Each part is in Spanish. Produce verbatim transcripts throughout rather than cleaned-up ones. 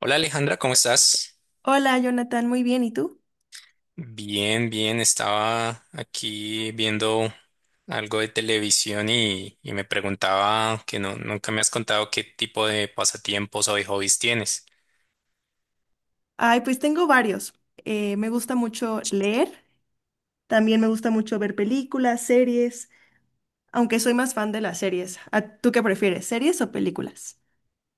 Hola Alejandra, ¿cómo estás? Hola, Jonathan, muy bien. ¿Y tú? Bien, bien, estaba aquí viendo algo de televisión y, y me preguntaba que no, nunca me has contado qué tipo de pasatiempos o de hobbies tienes. Ay, pues tengo varios. Eh, me gusta mucho leer, también me gusta mucho ver películas, series, aunque soy más fan de las series. ¿A- ¿Tú qué prefieres, series o películas?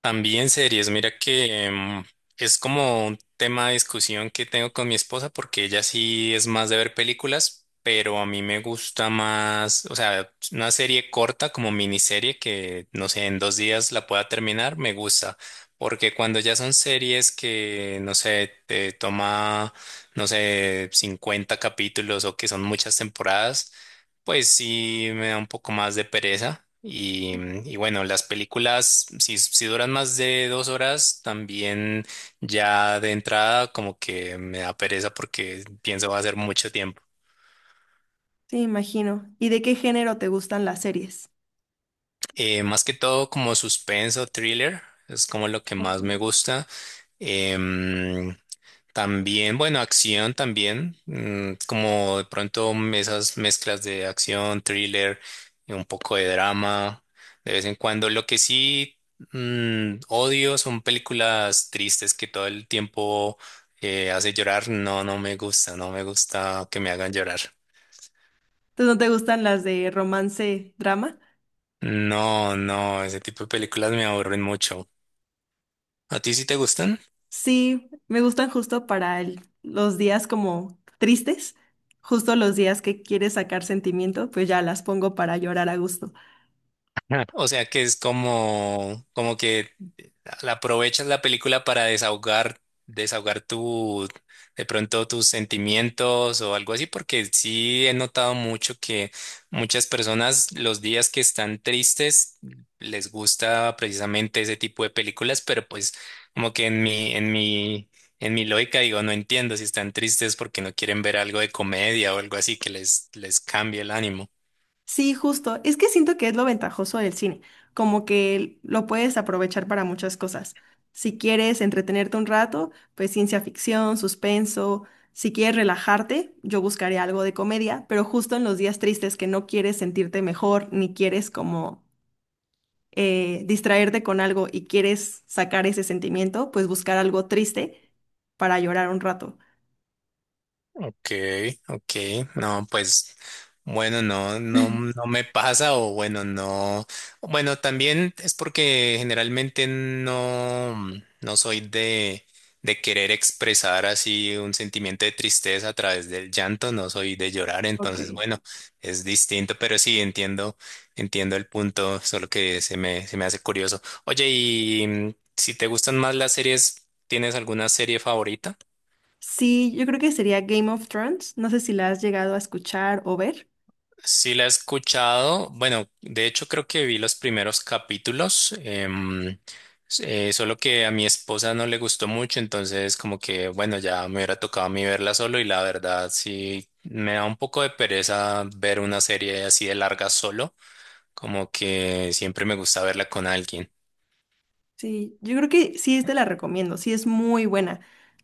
También series, mira que em, es como un tema de discusión que tengo con mi esposa porque ella sí es más de ver películas, pero a mí me gusta más, o sea, una serie corta como miniserie que, no sé, en dos días la pueda terminar, me gusta, porque cuando ya son series que, no sé, te toma, no sé, cincuenta capítulos o que son muchas temporadas. Pues sí, me da un poco más de pereza. Y, y bueno, las películas, si, si duran más de dos horas, también ya de entrada como que me da pereza porque pienso va a ser mucho tiempo. Sí, imagino. ¿Y de qué género te gustan las series? Eh, más que todo como suspenso, thriller, es como lo que Ok. más me gusta. Em, También, bueno, acción también, mm, como de pronto esas mezclas de acción, thriller, y un poco de drama, de vez en cuando. Lo que sí mm, odio son películas tristes que todo el tiempo eh, hace llorar. No, no me gusta, no me gusta que me hagan llorar. ¿Tú no te gustan las de romance, drama? No, no, ese tipo de películas me aburren mucho. ¿A ti sí te gustan? Sí, me gustan justo para el- los días como tristes, justo los días que quieres sacar sentimiento, pues ya las pongo para llorar a gusto. O sea que es como, como que la aprovechas la película para desahogar, desahogar tu, de pronto tus sentimientos o algo así, porque sí he notado mucho que muchas personas los días que están tristes les gusta precisamente ese tipo de películas, pero pues como que en mi, en mi, en mi lógica digo, no entiendo si están tristes porque no quieren ver algo de comedia o algo así que les, les cambie el ánimo. Sí, justo. Es que siento que es lo ventajoso del cine, como que lo puedes aprovechar para muchas cosas. Si quieres entretenerte un rato, pues ciencia ficción, suspenso. Si quieres relajarte, yo buscaré algo de comedia, pero justo en los días tristes que no quieres sentirte mejor, ni quieres como eh, distraerte con algo y quieres sacar ese sentimiento, pues buscar algo triste para llorar un rato. Okay, okay, no, pues bueno, no, no, no me pasa o bueno, no, bueno, también es porque generalmente no, no soy de, de querer expresar así un sentimiento de tristeza a través del llanto, no soy de llorar, Ok. entonces bueno, es distinto, pero sí entiendo, entiendo el punto, solo que se me, se me hace curioso. Oye, y mm, si te gustan más las series, ¿tienes alguna serie favorita? Sí, yo creo que sería Game of Thrones. No sé si la has llegado a escuchar o ver. Sí la he escuchado. Bueno, de hecho creo que vi los primeros capítulos, em, eh, solo que a mi esposa no le gustó mucho, entonces como que bueno, ya me hubiera tocado a mí verla solo y la verdad sí me da un poco de pereza ver una serie así de larga solo, como que siempre me gusta verla con alguien. Sí, yo creo que sí te la recomiendo, sí es muy buena.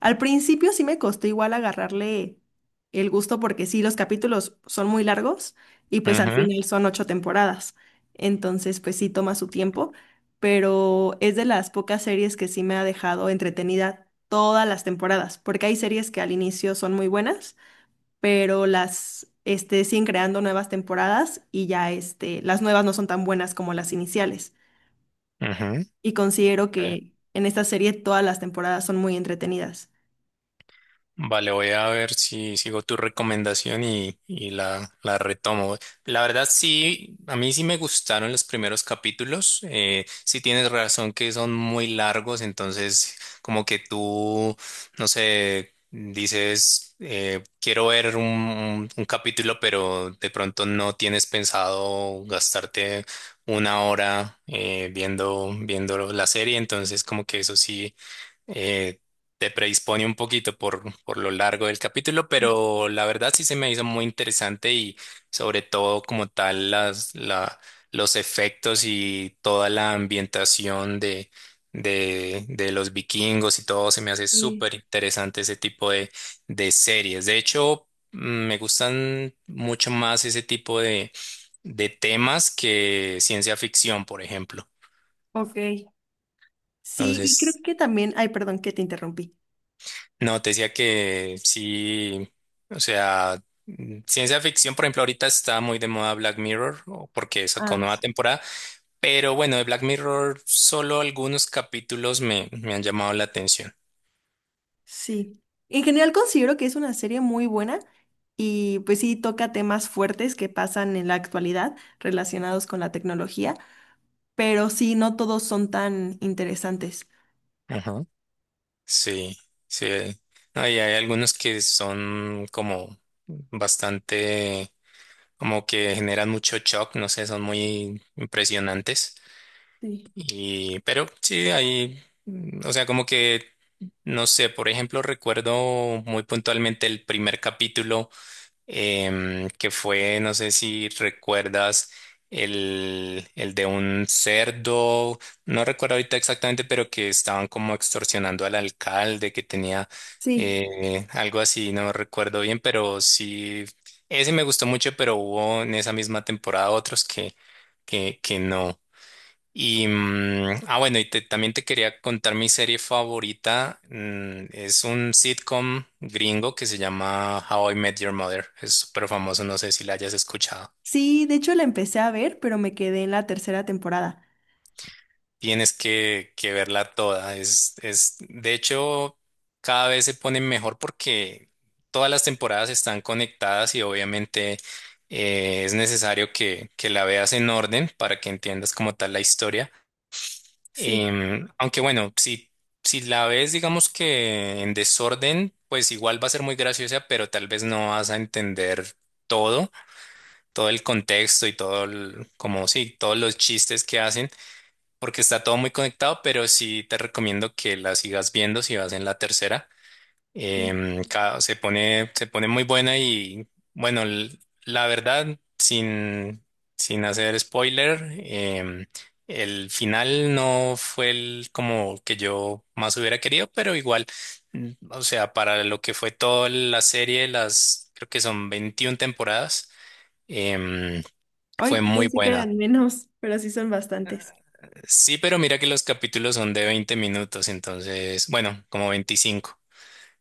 Al principio sí me costó igual agarrarle el gusto porque sí, los capítulos son muy largos y pues al Ujú, final son ocho temporadas. Entonces pues sí toma su tiempo, pero es de las pocas series que sí me ha dejado entretenida todas las temporadas, porque hay series que al inicio son muy buenas, pero las este, siguen creando nuevas temporadas y ya este, las nuevas no son tan buenas como las iniciales ujú. y considero que en esta serie todas las temporadas son muy entretenidas. Vale, voy a ver si sigo tu recomendación y, y la, la retomo. La verdad, sí, a mí sí me gustaron los primeros capítulos. Eh, sí tienes razón que son muy largos, entonces como que tú, no sé, dices, eh, quiero ver un, un- un capítulo, pero de pronto no tienes pensado gastarte una hora eh, viendo, viendo la serie, entonces como que eso sí eh, te predispone un poquito por, por lo largo del capítulo, pero la verdad sí se me hizo muy interesante y sobre todo como tal las, la, los efectos y toda la ambientación de, de, de los vikingos y todo se me hace Sí, súper interesante ese tipo de, de series. De hecho, mm, me gustan mucho más ese tipo de, de temas que ciencia ficción, por ejemplo. ok. Sí, y creo Entonces, que también, ay, perdón que te interrumpí. no, te decía que sí, o sea, mm, ciencia ficción, por ejemplo, ahorita está muy de moda Black Mirror, o porque sacó Ah, nueva sí. temporada, pero bueno, de Black Mirror solo algunos capítulos me, me han llamado la atención. Sí, en general considero que es una serie muy buena y pues sí toca temas fuertes que pasan en la actualidad relacionados con la tecnología, pero sí, no todos son tan interesantes. Ajá. Sí, sí. eh, No, y hay algunos que son como bastante, como que generan mucho shock, no sé, son muy impresionantes. Sí. Y, pero sí, ahí, mm, o sea, como que, no sé, por ejemplo, recuerdo muy puntualmente el primer capítulo, em, que fue, no sé si recuerdas, el, el de un cerdo, no recuerdo ahorita exactamente, pero que estaban como extorsionando al alcalde, que tenía Sí, eh, algo así, no recuerdo bien, pero sí, ese me gustó mucho, pero hubo en esa misma temporada otros que, que, que no. Y, mm, ah, bueno, y te- también te quería contar mi serie favorita. Mm, es un sitcom gringo que se llama How I Met Your Mother. Es súper famoso, no sé si la hayas escuchado. sí, de hecho la empecé a ver, pero me quedé en la tercera temporada. Tienes que, que verla toda. Es, es, de hecho, cada vez se pone mejor porque todas las temporadas están conectadas y obviamente eh, es necesario que, que la veas en orden para que entiendas como tal la historia. Sí, Em, aunque bueno, si, si la ves, digamos que en desorden, pues igual va a ser muy graciosa, pero tal vez no vas a entender todo, todo el contexto y todo el- como sí, todos los chistes que hacen, porque está todo muy conectado, pero sí te recomiendo que la sigas viendo si vas en la tercera. sí. Em, ca- se pone, se pone muy buena y bueno, l- la verdad, sin, sin hacer spoiler, em, el final no fue el como que yo más hubiera querido, pero igual, mm, o sea, para lo que fue toda la serie, las creo que son veintiuna temporadas, em, Hoy fue muy pensé que buena. eran menos, pero sí son bastantes. Sí, pero mira que los capítulos son de veinte minutos, entonces, bueno, como veinticinco.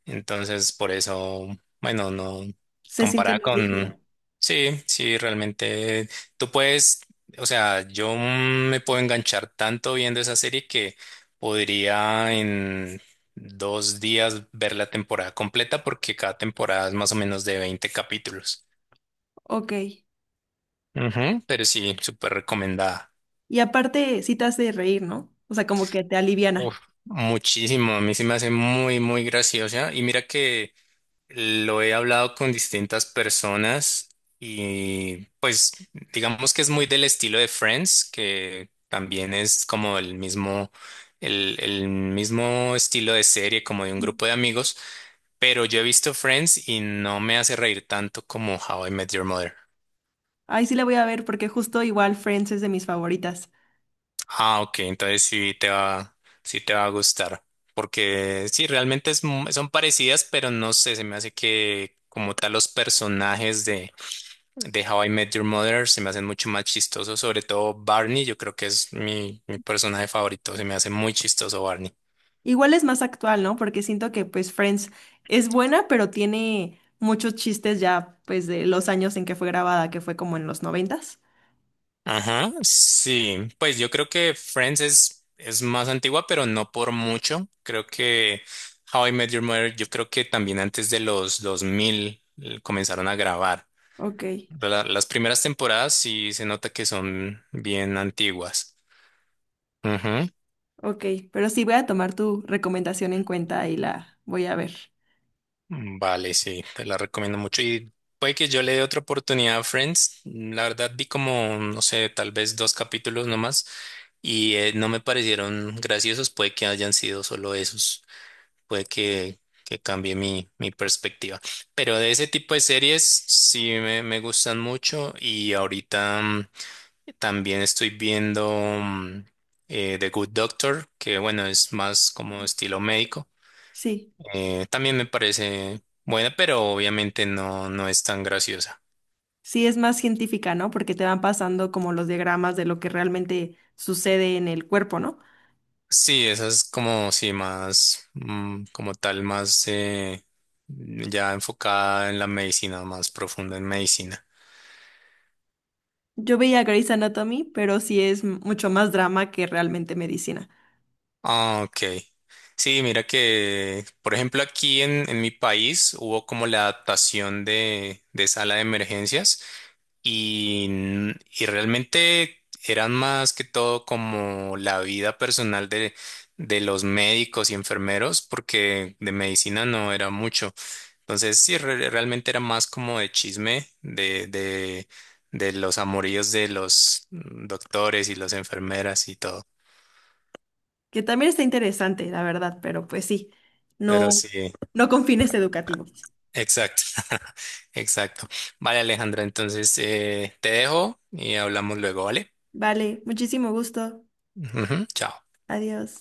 Entonces, por eso, bueno, no Se siente comparar más con... ligero. Sí, sí, realmente tú puedes, o sea, yo me puedo enganchar tanto viendo esa serie que podría en dos días ver la temporada completa porque cada temporada es más o menos de veinte capítulos. Ok. Ujú, pero sí, súper recomendada. Y aparte, sí te hace reír, ¿no? O sea, como que te Uf, aliviana. muchísimo, a mí se me hace muy, muy graciosa. Y mira que lo he hablado con distintas personas y pues digamos que es muy del estilo de Friends, que también es como el mismo, el, el mismo estilo de serie, como de un Sí. grupo de amigos, pero yo he visto Friends y no me hace reír tanto como How I Met Your Mother. Ay, sí la voy a ver porque justo igual Friends es de mis favoritas. Ah, ok, entonces sí te va, sí te va a gustar, porque sí, realmente es mu- son parecidas, pero no sé, se me hace que como tal los personajes de How I Met Your Mother se me hacen mucho más chistosos, sobre todo Barney, yo creo que es mi, mi personaje favorito, se me hace muy chistoso Barney. Igual es más actual, ¿no? Porque siento que pues Friends es buena, pero tiene muchos chistes ya pues de los años en que fue grabada, que fue como en los noventas. Ajá, sí, pues yo creo que Friends es, es más antigua, pero no por mucho. Creo que How I Met Your Mother, yo creo que también antes de los dos mil comenzaron a grabar. Ok, La- las primeras temporadas sí se nota que son bien antiguas. ok. Pero sí voy a tomar tu recomendación en cuenta y la voy a ver. Mm, vale, sí, te la recomiendo mucho. Y puede que yo le dé otra oportunidad a Friends. Mm, La verdad vi como, no sé, tal vez dos capítulos nomás y eh, no me parecieron graciosos. Puede que hayan sido solo esos. Puede que, que cambie mi, mi perspectiva. Pero de ese tipo de series sí me, me gustan mucho y ahorita mm, también estoy viendo mm, eh, The Good Doctor, que bueno, es más como estilo médico Sí. eh, también me parece buena, pero obviamente no, no es tan graciosa. Sí, es más científica, ¿no? Porque te van pasando como los diagramas de lo que realmente sucede en el cuerpo, ¿no? Sí, esa es como, sí, más, mm, como tal, más eh, ya enfocada en la medicina, más profunda en medicina. Yo veía Grey's Anatomy, pero sí es m- mucho más drama que realmente medicina, Ah, ok. Sí, mira que, por ejemplo, aquí en, en mi país hubo como la adaptación de, de sala de emergencias. Y, y realmente eran más que todo como la vida personal de, de los médicos y enfermeros, porque de medicina no era mucho. Entonces, sí, re- realmente era más como de chisme de, de, de los amoríos de los doctores y las enfermeras y todo. que también está interesante, la verdad, pero pues sí, Pero no, sí, no con fines educativos. exacto, exacto. Vale, Alejandra, entonces eh, te dejo y hablamos luego, ¿vale? Vale, muchísimo gusto. Ujú, chao. Adiós.